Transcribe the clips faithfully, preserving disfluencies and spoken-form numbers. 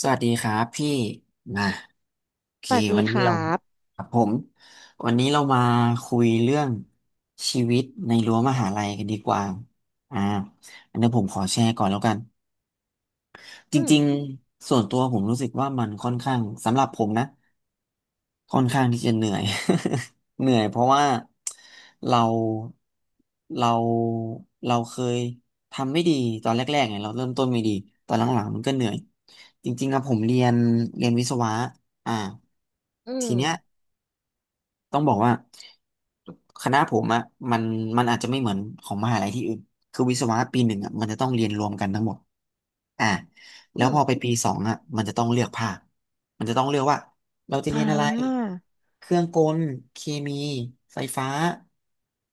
สวัสดีครับพี่มาโอเคสวัสดีวันคนี้รัเราบครับผมวันนี้เรามาคุยเรื่องชีวิตในรั้วมหาลัยกันดีกว่าอ่าอันนี้ผมขอแชร์ก่อนแล้วกัน จอืมริงๆส่วนตัวผมรู้สึกว่ามันค่อนข้างสำหรับผมนะค่อนข้างที่จะเหนื่อย เหนื่อยเพราะว่าเราเราเราเคยทำไม่ดีตอนแรกๆไงเราเริ่มต้นไม่ดีตอนหลังๆมันก็เหนื่อยจริงๆอะผมเรียนเรียนวิศวะอ่าอืทีมเนี้ย ต้องบอกว่าคณะผมอะมันมันอาจจะไม่เหมือนของมหาลัยที่อื่นคือวิศวะปีหนึ่งอะมันจะต้องเรียนรวมกันทั้งหมดอ่าแล้อืวมพอไปปีสองอะมันจะต้องเลือกภาคมันจะต้องเลือกว่าเราจะเรีอ่ยนอะไร าเครื่องกล เคมีไฟฟ้า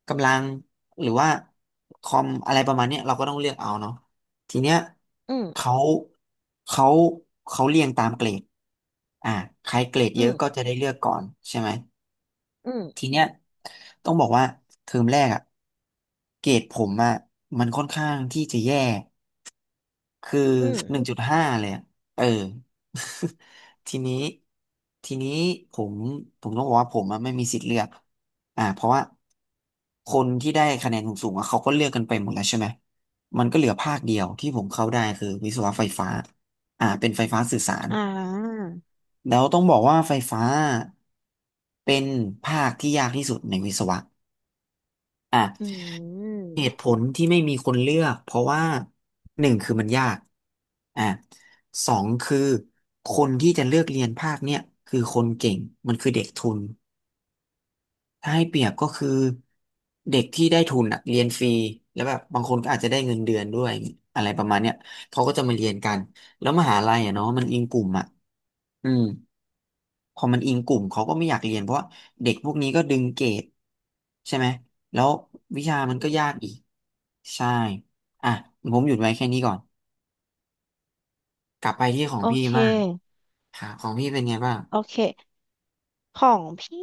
กำลังหรือว่าคอมอะไรประมาณเนี้ยเราก็ต้องเลือกเอาเนาะทีเนี้ยอืมเขาเขาเขาเรียงตามเกรดอ่าใครเกรดเยอือะมก็จะได้เลือกก่อนใช่ไหม อืมทีเนี้ยต้องบอกว่าเทอมแรกอะเกรดผมอะมันค่อนข้างที่จะแย่คืออืหนึ่งมจุดห้าเลยอะเออ ทีนี้ทีนี้ผมผมต้องบอกว่าผมอะไม่มีสิทธิ์เลือกอ่าเพราะว่าคนที่ได้คะแนนสูงๆอะเขาก็เลือกกันไปหมดแล้วใช่ไหมมันก็เหลือภาคเดียวที่ผมเข้าได้คือวิศวะไฟฟ้าอ่าเป็นไฟฟ้าสื่อสารอ่าแล้วต้องบอกว่าไฟฟ้าเป็นภาคที่ยากที่สุดในวิศวะ อ่ะอืมเหตุผลที่ไม่มีคนเลือกเพราะว่าหนึ่งคือมันยากอ่ะสองคือคนที่จะเลือกเรียนภาคเนี่ยคือคนเก่งมันคือเด็กทุนถ้าให้เปรียบก็คือเด็กที่ได้ทุนอ่ะเรียนฟรีแล้วแบบบางคนก็อาจจะได้เงินเดือนด้วยอะไรประมาณเนี้ยเขาก็จะมาเรียนกันแล้วมหาลัยอะเนาะมันอิงกลุ่มอ่ะอืม พอมันอิงกลุ่มเขาก็ไม่อยากเรียนเพราะว่าเด็กพวกนี้ก็ดึงเกรดใช่ไหมแล้ววิชามันอืก็มยากอีกใช่อ่ะผมหยุดไว้แค่นี้ก่อนกลับไปที่ของโอพี่เค บ้างครับของพี่เป็นไงบ้างโอเค ของพี่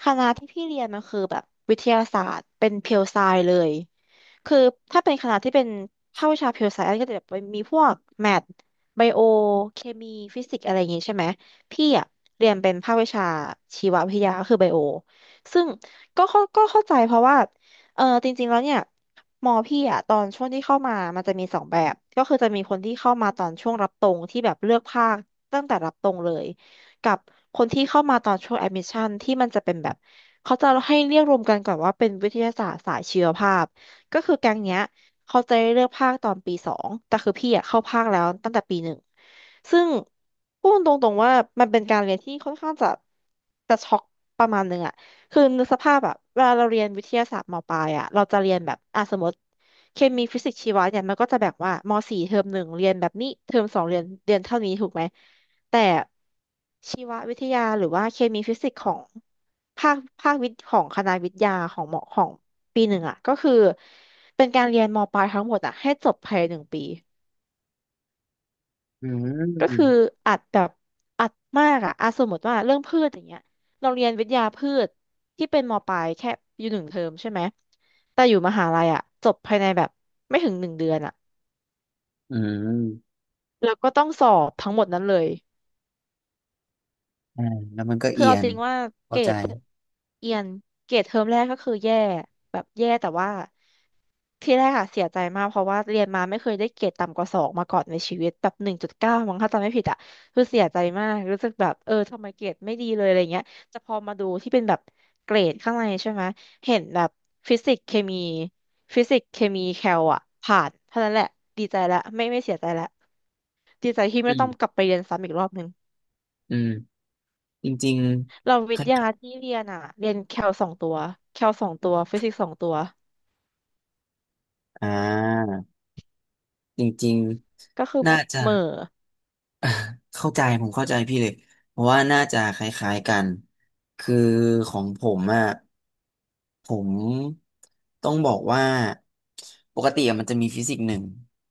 คณะที่พี่เรียนมันคือแบบวิทยาศาสตร์ เป็นเพียวไซเลย คือถ้าเป็นคณะที่เป็นภาควิชา pure science ก็จะแบบมีพวกแมทไบโอเคมีฟิสิกอะไรอย่างงี้ใช่ไหมพี่อะเรียนเป็นภาควิชาชีววิทยาก็คือไบโอซึ่งก็เข้าก็เข้าใจเพราะว่าเออจริงๆแล้วเนี่ยมอพี่อะตอนช่วงที่เข้ามามันจะมีสองแบบก็คือจะมีคนที่เข้ามาตอนช่วงรับตรงที่แบบเลือกภาคตั้งแต่รับตรงเลยกับคนที่เข้ามาตอนช่วงแอดมิชชั่นที่มันจะเป็นแบบเขาจะให้เรียกรวมกันก่อนว่าเป็นวิทยาศาสตร์สายชีวภาพ ก็คือแก๊งเนี้ยเขาจะได้เลือกภาคตอนปีสองแต่คือพี่อะเข้าภาคแล้วตั้งแต่ปีหนึ่งซึ่งพูดตรงๆว่ามันเป็นการเรียนที่ค่อนข้างจะจะช็อกประมาณหนึ่งอะคือนึกสภาพอะเวลาเราเรียนวิทยาศาสตร์มปลายอะเราจะเรียนแบบอ่ะสมมติเคมีฟิสิกส์ชีวะเนี่ยมันก็จะแบ่งว่ามสี่เทอมหนึ่งเรียนแบบนี้เทอมสองเรียนเรียนเท่านี้ถูกไหมแต่ชีววิทยาหรือว่าเคมีฟิสิกส์ของภาคภาควิทย์ของคณะวิทยาของหมอของ ปีหนึ่งอ่ะก็คือเป็นการเรียนมปลายทั้งหมดอ่ะให้จบภายในหนึ่งปีอืก็คือมอัดแบบอัดมากอ่ะอ่ะสมมติว่าเรื่องพืชอย่างเงี้ยเราเรียนวิทยาพืชที่เป็นมปลายแค่อยู่หนึ่งเทอมใช่ไหมแต่อยู่มหาลัยอ่ะจบภายในแบบไม่ถึงหนึ่งเดือนอ่ะอืมแล้วก็ต้องสอบทั้งหมดนั้นเลย อ่าแล้วมันก็คือเอียเอาจนริงว่าเกเข้ารใจดเอียนเกรดเทอมแรกก็คือแย่แบบแย่แต่ว่าที่แรกอะเสียใจมากเพราะว่าเรียนมาไม่เคยได้เกรดต่ำกว่าสองมาก่อนในชีวิตแบบหนึ่งจุดเก้ามั้งถ้าจำไม่ผิดอะคือเสียใจมากรู้สึกแบบเออทำไมเกรดไม่ดีเลยอะไรเงี้ยแต่พอมาดูที่เป็นแบบเกรดข้างในใช่ไหมเห็นแบบฟิสิกส์เคมีฟิสิกส์เคมีแคลอะผ่านเท่านั้นแหละดีใจละไม่ไม่เสียใจละดีใจที่อืไม่ต้องกมลับไปเรียนซ้ำอีกรอบหนึ่ง อืมจริงเราๆวิทค่ยาที่เรียนอ่ะเรียนแคลสองตัวแคลสองตัวฟิสิกส์สองตัวอ่าจริงก็คือๆเน่าจะ หม่อ อ่ะเข้าใจผมเข้าใจพี่เลยเพราะว่าน่าจะคล้ายๆกันคือของผมอ่ะผมต้องบอกว่าปกติอะมันจะมีฟิสิกส์หนึ่ง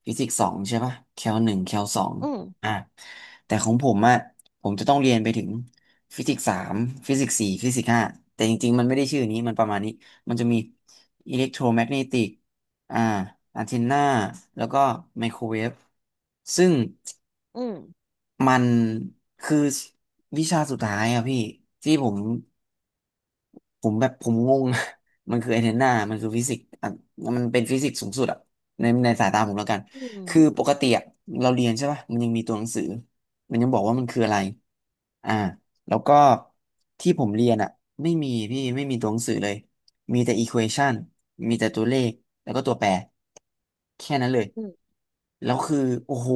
ฟิสิกส์สองใช่ปะแคลหนึ่งแคลสองอืมอ่ะแต่ของผมอ่ะผมจะต้องเรียนไปถึงฟิสิกส์สามฟิสิกส์สี่ฟิสิกส์ห้าแต่จริงๆมันไม่ได้ชื่อนี้มันประมาณนี้มันจะมีอิเล็กโทรแมกเนติกอ่าอันเทนนาแล้วก็ไมโครเวฟซึ่ง อืมมันคือวิชาสุดท้ายอะพี่ที่ผม ผมแบบผมงง มันคือไอนเทนนามันคือฟิสิกส์อ่ะมันเป็นฟิสิกส์สูงสุดอ่ะในในสายตาผมแล้วกัน อืมคือปกติอ่ะเราเรียนใช่ป่ะมันยังมีตัวหนังสือมันยังบอกว่ามันคืออะไรอ่าแล้วก็ที่ผมเรียนอ่ะไม่มีพี่ไม่มีตัวหนังสือเลย มีแต่ equation มีแต่ตัวเลข แล้วก็ตัวแปร แค่นั้นเลย อืมแล้วคือโอ้โห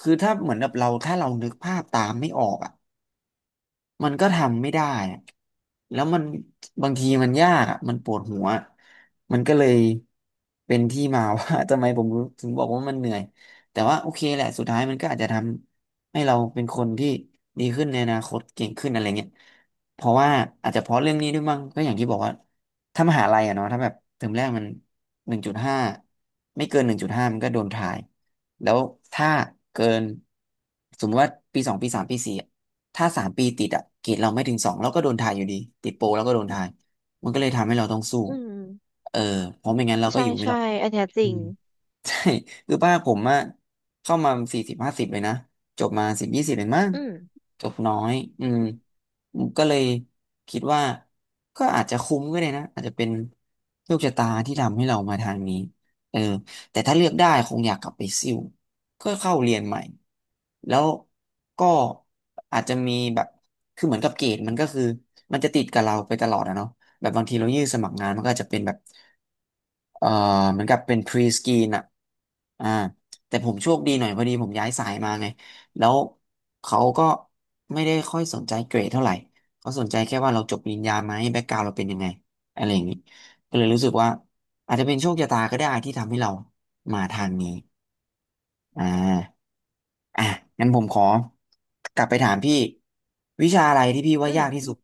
คือถ้าเหมือนแบบเราถ้าเรานึกภาพตามไม่ออกอ่ะ มันก็ทำไม่ได้อะแล้วมันบางทีมันยากอะมันปวดหัว มันก็เลยเป็นที่มาว่า ทำไมผมถึงบอกว่ามันเหนื่อยแต่ว่าโอเคแหละสุดท้ายมันก็อาจจะทำให้เราเป็นคนที่ดีขึ้นในอนาคต เก่งขึ้นอะไรเงี้ยเพราะว่าอาจจะเพราะเรื่องนี้ด้วยมั้งก็อย่างที่บอกว่าถ้ามหาลัยอะเนาะ ถ้าแบบเทอมแรกมันหนึ่งจุดห้าไม่เกินหนึ่งจุดห้ามันก็โดนทายแล้วถ้าเกินสมมติว่าปีสองปีสามปีสี่ ถ้าสามปีติดอะเกรดเราไม่ถึงสองเราก็โดนทายอยู่ดีติดโปรเราก็โดนทายมันก็เลยทำให้เราต้องสู้อืมเออเพราะไม่งั้นเราก็ใช่อยู่ไม่รใช่อดอันเนี้ยจอืริงม ใช่ คือป้าผมอะเข้ามาสี่สิบห้าสิบเลยนะจบมาสิบยี่สิบเลยมั้งอืมจบน้อยอืมก็เลยคิดว่าก็อาจจะคุ้มก็ได้นะอาจจะเป็นโชคชะตาที่ทำให้เรามาทางนี้เออแต่ถ้าเลือกได้คงอยากกลับไปซิ่วก็เข้าเรียนใหม่แล้วก็อาจจะมีแบบคือเหมือนกับเกรดมันก็คือมันจะติดกับเราไปตลอดอะเนาะแบบบางทีเรายื่นสมัครงานมันก็อาจจะเป็นแบบ เอ่อเหมือนกับเป็น pre screen อ่ะอ่าแต่ผมโชคดีหน่อยพอดีผมย้ายสายมาไงแล้วเขาก็ไม่ได้ค่อยสนใจเกรดเท่าไหร่เขาสนใจแค่ว่าเราจบปริญญาไหมแบ็กกราวเราเป็นยังไงอะไรอย่างนี้ก็เลยรู้สึกว่าอาจจะเป็นโชคชะตาก็ได้ที่ทำให้เรามาทางนี้อ่าอ่ะงั้นผมขอกลับไปถามพี่วิชาอะไรที่พี่ว่าอืม ยากที่สุด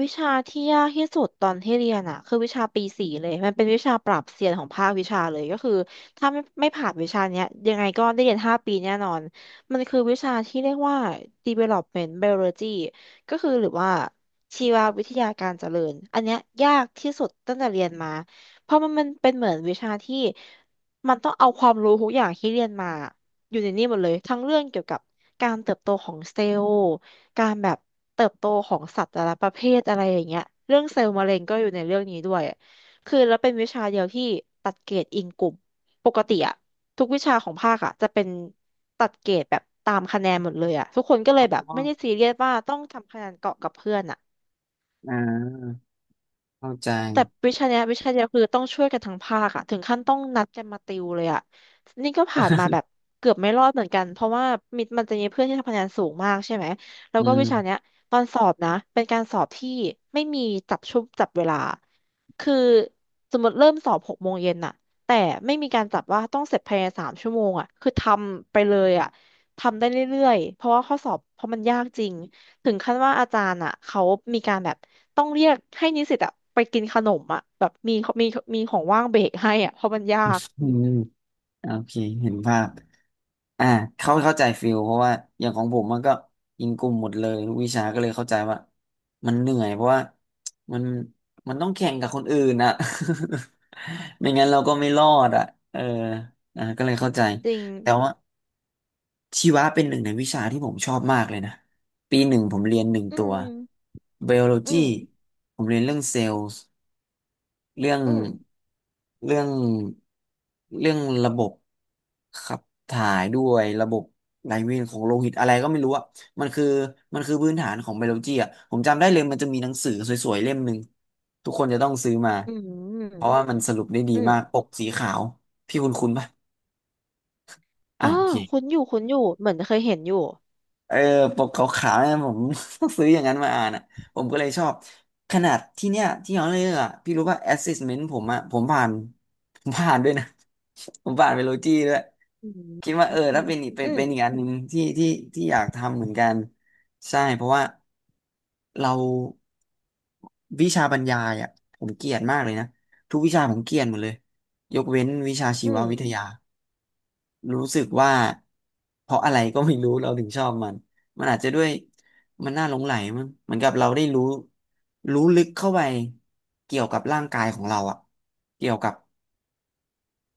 วิชาที่ยากที่สุดตอนที่เรียนอ่ะคือวิชาปีสี่เลยมันเป็นวิชาปรับเซียนของภาควิชาเลยก็คือถ้าไม่ไม่ผ่านวิชาเนี้ยยังไงก็ได้เรียนห้าปีแน่นอนมันคือวิชาที่เรียกว่า ดีเวลอปเมนทัล ไบโอโลจี ก็คือหรือว่าชีววิทยาการเจริญอันเนี้ยยากที่สุดตั้งแต่เรียนมาเพราะมันมันเป็นเหมือนวิชาที่มันต้องเอาความรู้ทุกอย่างที่เรียนมาอยู่ในนี่หมดเลยทั้งเรื่องเกี่ยวกับการเติบโตของเซลล์ การแบบเติบโตของสัตว์แต่ละประเภทอะไรอย่างเงี้ยเรื่องเซลล์มะเร็งก็อยู่ในเรื่องนี้ด้วยคือแล้วเป็นวิชาเดียวที่ตัดเกรดอิงกลุ่มปกติอะทุกวิชาของภาคอะจะเป็นตัดเกรดแบบตามคะแนนหมดเลยอะทุกคนก็เลอ๋ยแบบอไม่ได้ซีเรียสว่าต้องทำคะแนนเกาะกับเพื่อนอะ อ่าเข้าใจแต่วิชาเนี้ยวิชาเดียวคือต้องช่วยกันทั้งภาคอะถึงขั้นต้องนัดกันมาติวเลยอะนี่ก็ผ่านมาแบบเกือบไม่รอดเหมือนกันเพราะว่ามิดมันจะมีเพื่อนที่ทำคะแนนสูงมากใช่ไหมแล้วอืก็วิชาเนี้ยมตอนสอบนะเป็นการสอบที่ไม่มีจับชุบจับเวลาคือสมมติเริ่มสอบหกโมงเย็นน่ะแต่ไม่มีการจับว่าต้องเสร็จภายในสามชั่วโมงอะคือทำไปเลยอะทำได้เรื่อยๆเพราะว่าข้อสอบเพราะมันยากจริง ถึงขั้นว่าอาจารย์อ่ะเขามีการแบบต้องเรียกให้นิสิตอ่ะไปกินขนมอ่ะแบบมีมีมีของว่างเบรกให้อ่ะเพราะมันยากอืมโอเคเห็นภาพ อ่าเขาเข้าใจฟิลเพราะว่าอย่างของผมมันก็อิงกลุ่มหมดเลยทุกวิชาก็เลยเข้าใจว่ามันเหนื่อยเพราะว่ามันมันต้องแข่งกับคนอื่นอ่ะ ไม่งั้นเราก็ไม่รอดอ่ะเอออ่าก็เลยเข้าใจจริงแต่ว่าชีวะเป็นหนึ่งในวิชาที่ผมชอบมากเลยนะปีหนึ่งผมเรียนหนึ่งอืตัวมไบ i o โลอืจีมผมเรียนเรื่องเซลล์ เรื่องอืมเรื่องเรื่องระบบขับถ่ายด้วยระบบไหลเวียนของโลหิตอะไรก็ไม่รู้อะมันคือมันคือพื้นฐานของไบโอโลจีอะผมจำได้เลยมันจะมีหนังสือสวยๆเล่มหนึ่งทุกคนจะต้องซื้อมาอืเพมราะว่ามันสรุปได้ดีอืมมากปกสีขาวพี่คุณคุณปะอ๋อ่าอโอเค คุ้นอยู่คุ้นอยู่เหมือนเคยเห็นอยู่เออปกขาวๆเนี่ยผม ซื้ออย่างนั้นมาอ่านอ่ะผมก็เลยชอบขนาดที่เนี้ยที่ย้อนเรือ่ะพี่รู้ว่า แอสเซสเมนต์ ผมอ่ะผมผ่าน ผมผ่านด้วยนะ ผมผ่านไปโลจีด้วยอืมคิดว่าอืเออถ้ามเป็นอีกเป็อืนมเป็นอีกอันหนึ่งที่ที่ที่อยากทำเหมือนกันใช่เพราะว่าเราวิชาบรรยายอ่ะผมเกลียดมากเลยนะทุกวิชาผมเกลียดหมดเลยยกเว้นวิชาชีอืวมวิทยา รู้สึกว่าเพราะอะไรก็ไม่รู้เราถึงชอบมัน มันอาจจะด้วยมันน่าหลงใหลมั้งเหมือนกับเราได้รู้รู้ลึกเข้าไปเกี่ยวกับร่างกายของเราอะเกี่ยวกับ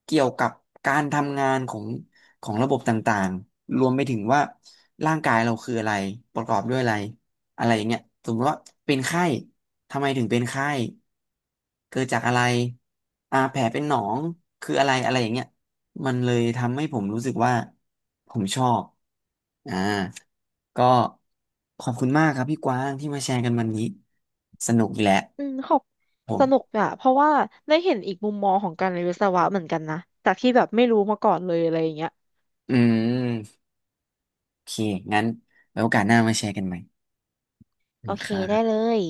เกี่ยวกับการทำงานของของระบบต่างๆ รวมไปถึงว่าร่างกายเราคืออะไรประกอบด้วยอะไรอะไรอย่างเงี้ยสมมติว่าเป็นไข้ทำไมถึงเป็นไข้เกิดจากอะไรอ่าแผลเป็นหนองคืออะไรอะไรอย่างเงี้ยมันเลยทำให้ผมรู้สึกว่าผมชอบอ่าก็ขอบคุณมากครับพี่กวางที่มาแชร์กันวันนี้ สนุกอีกแล้วอืมขอบผสนุกมอ่ะเพราะว่าได้เห็นอีกมุมมองของการเรียนวิศวะเหมือนกันนะจากที่แบบไม่รู้มาก่อนเลยอะไรอย่างเงี้ยอืมโอเคงั้นไว้โอกาสหน้ามาแชร์กันใหม่ โอเคได้ค่ะเลย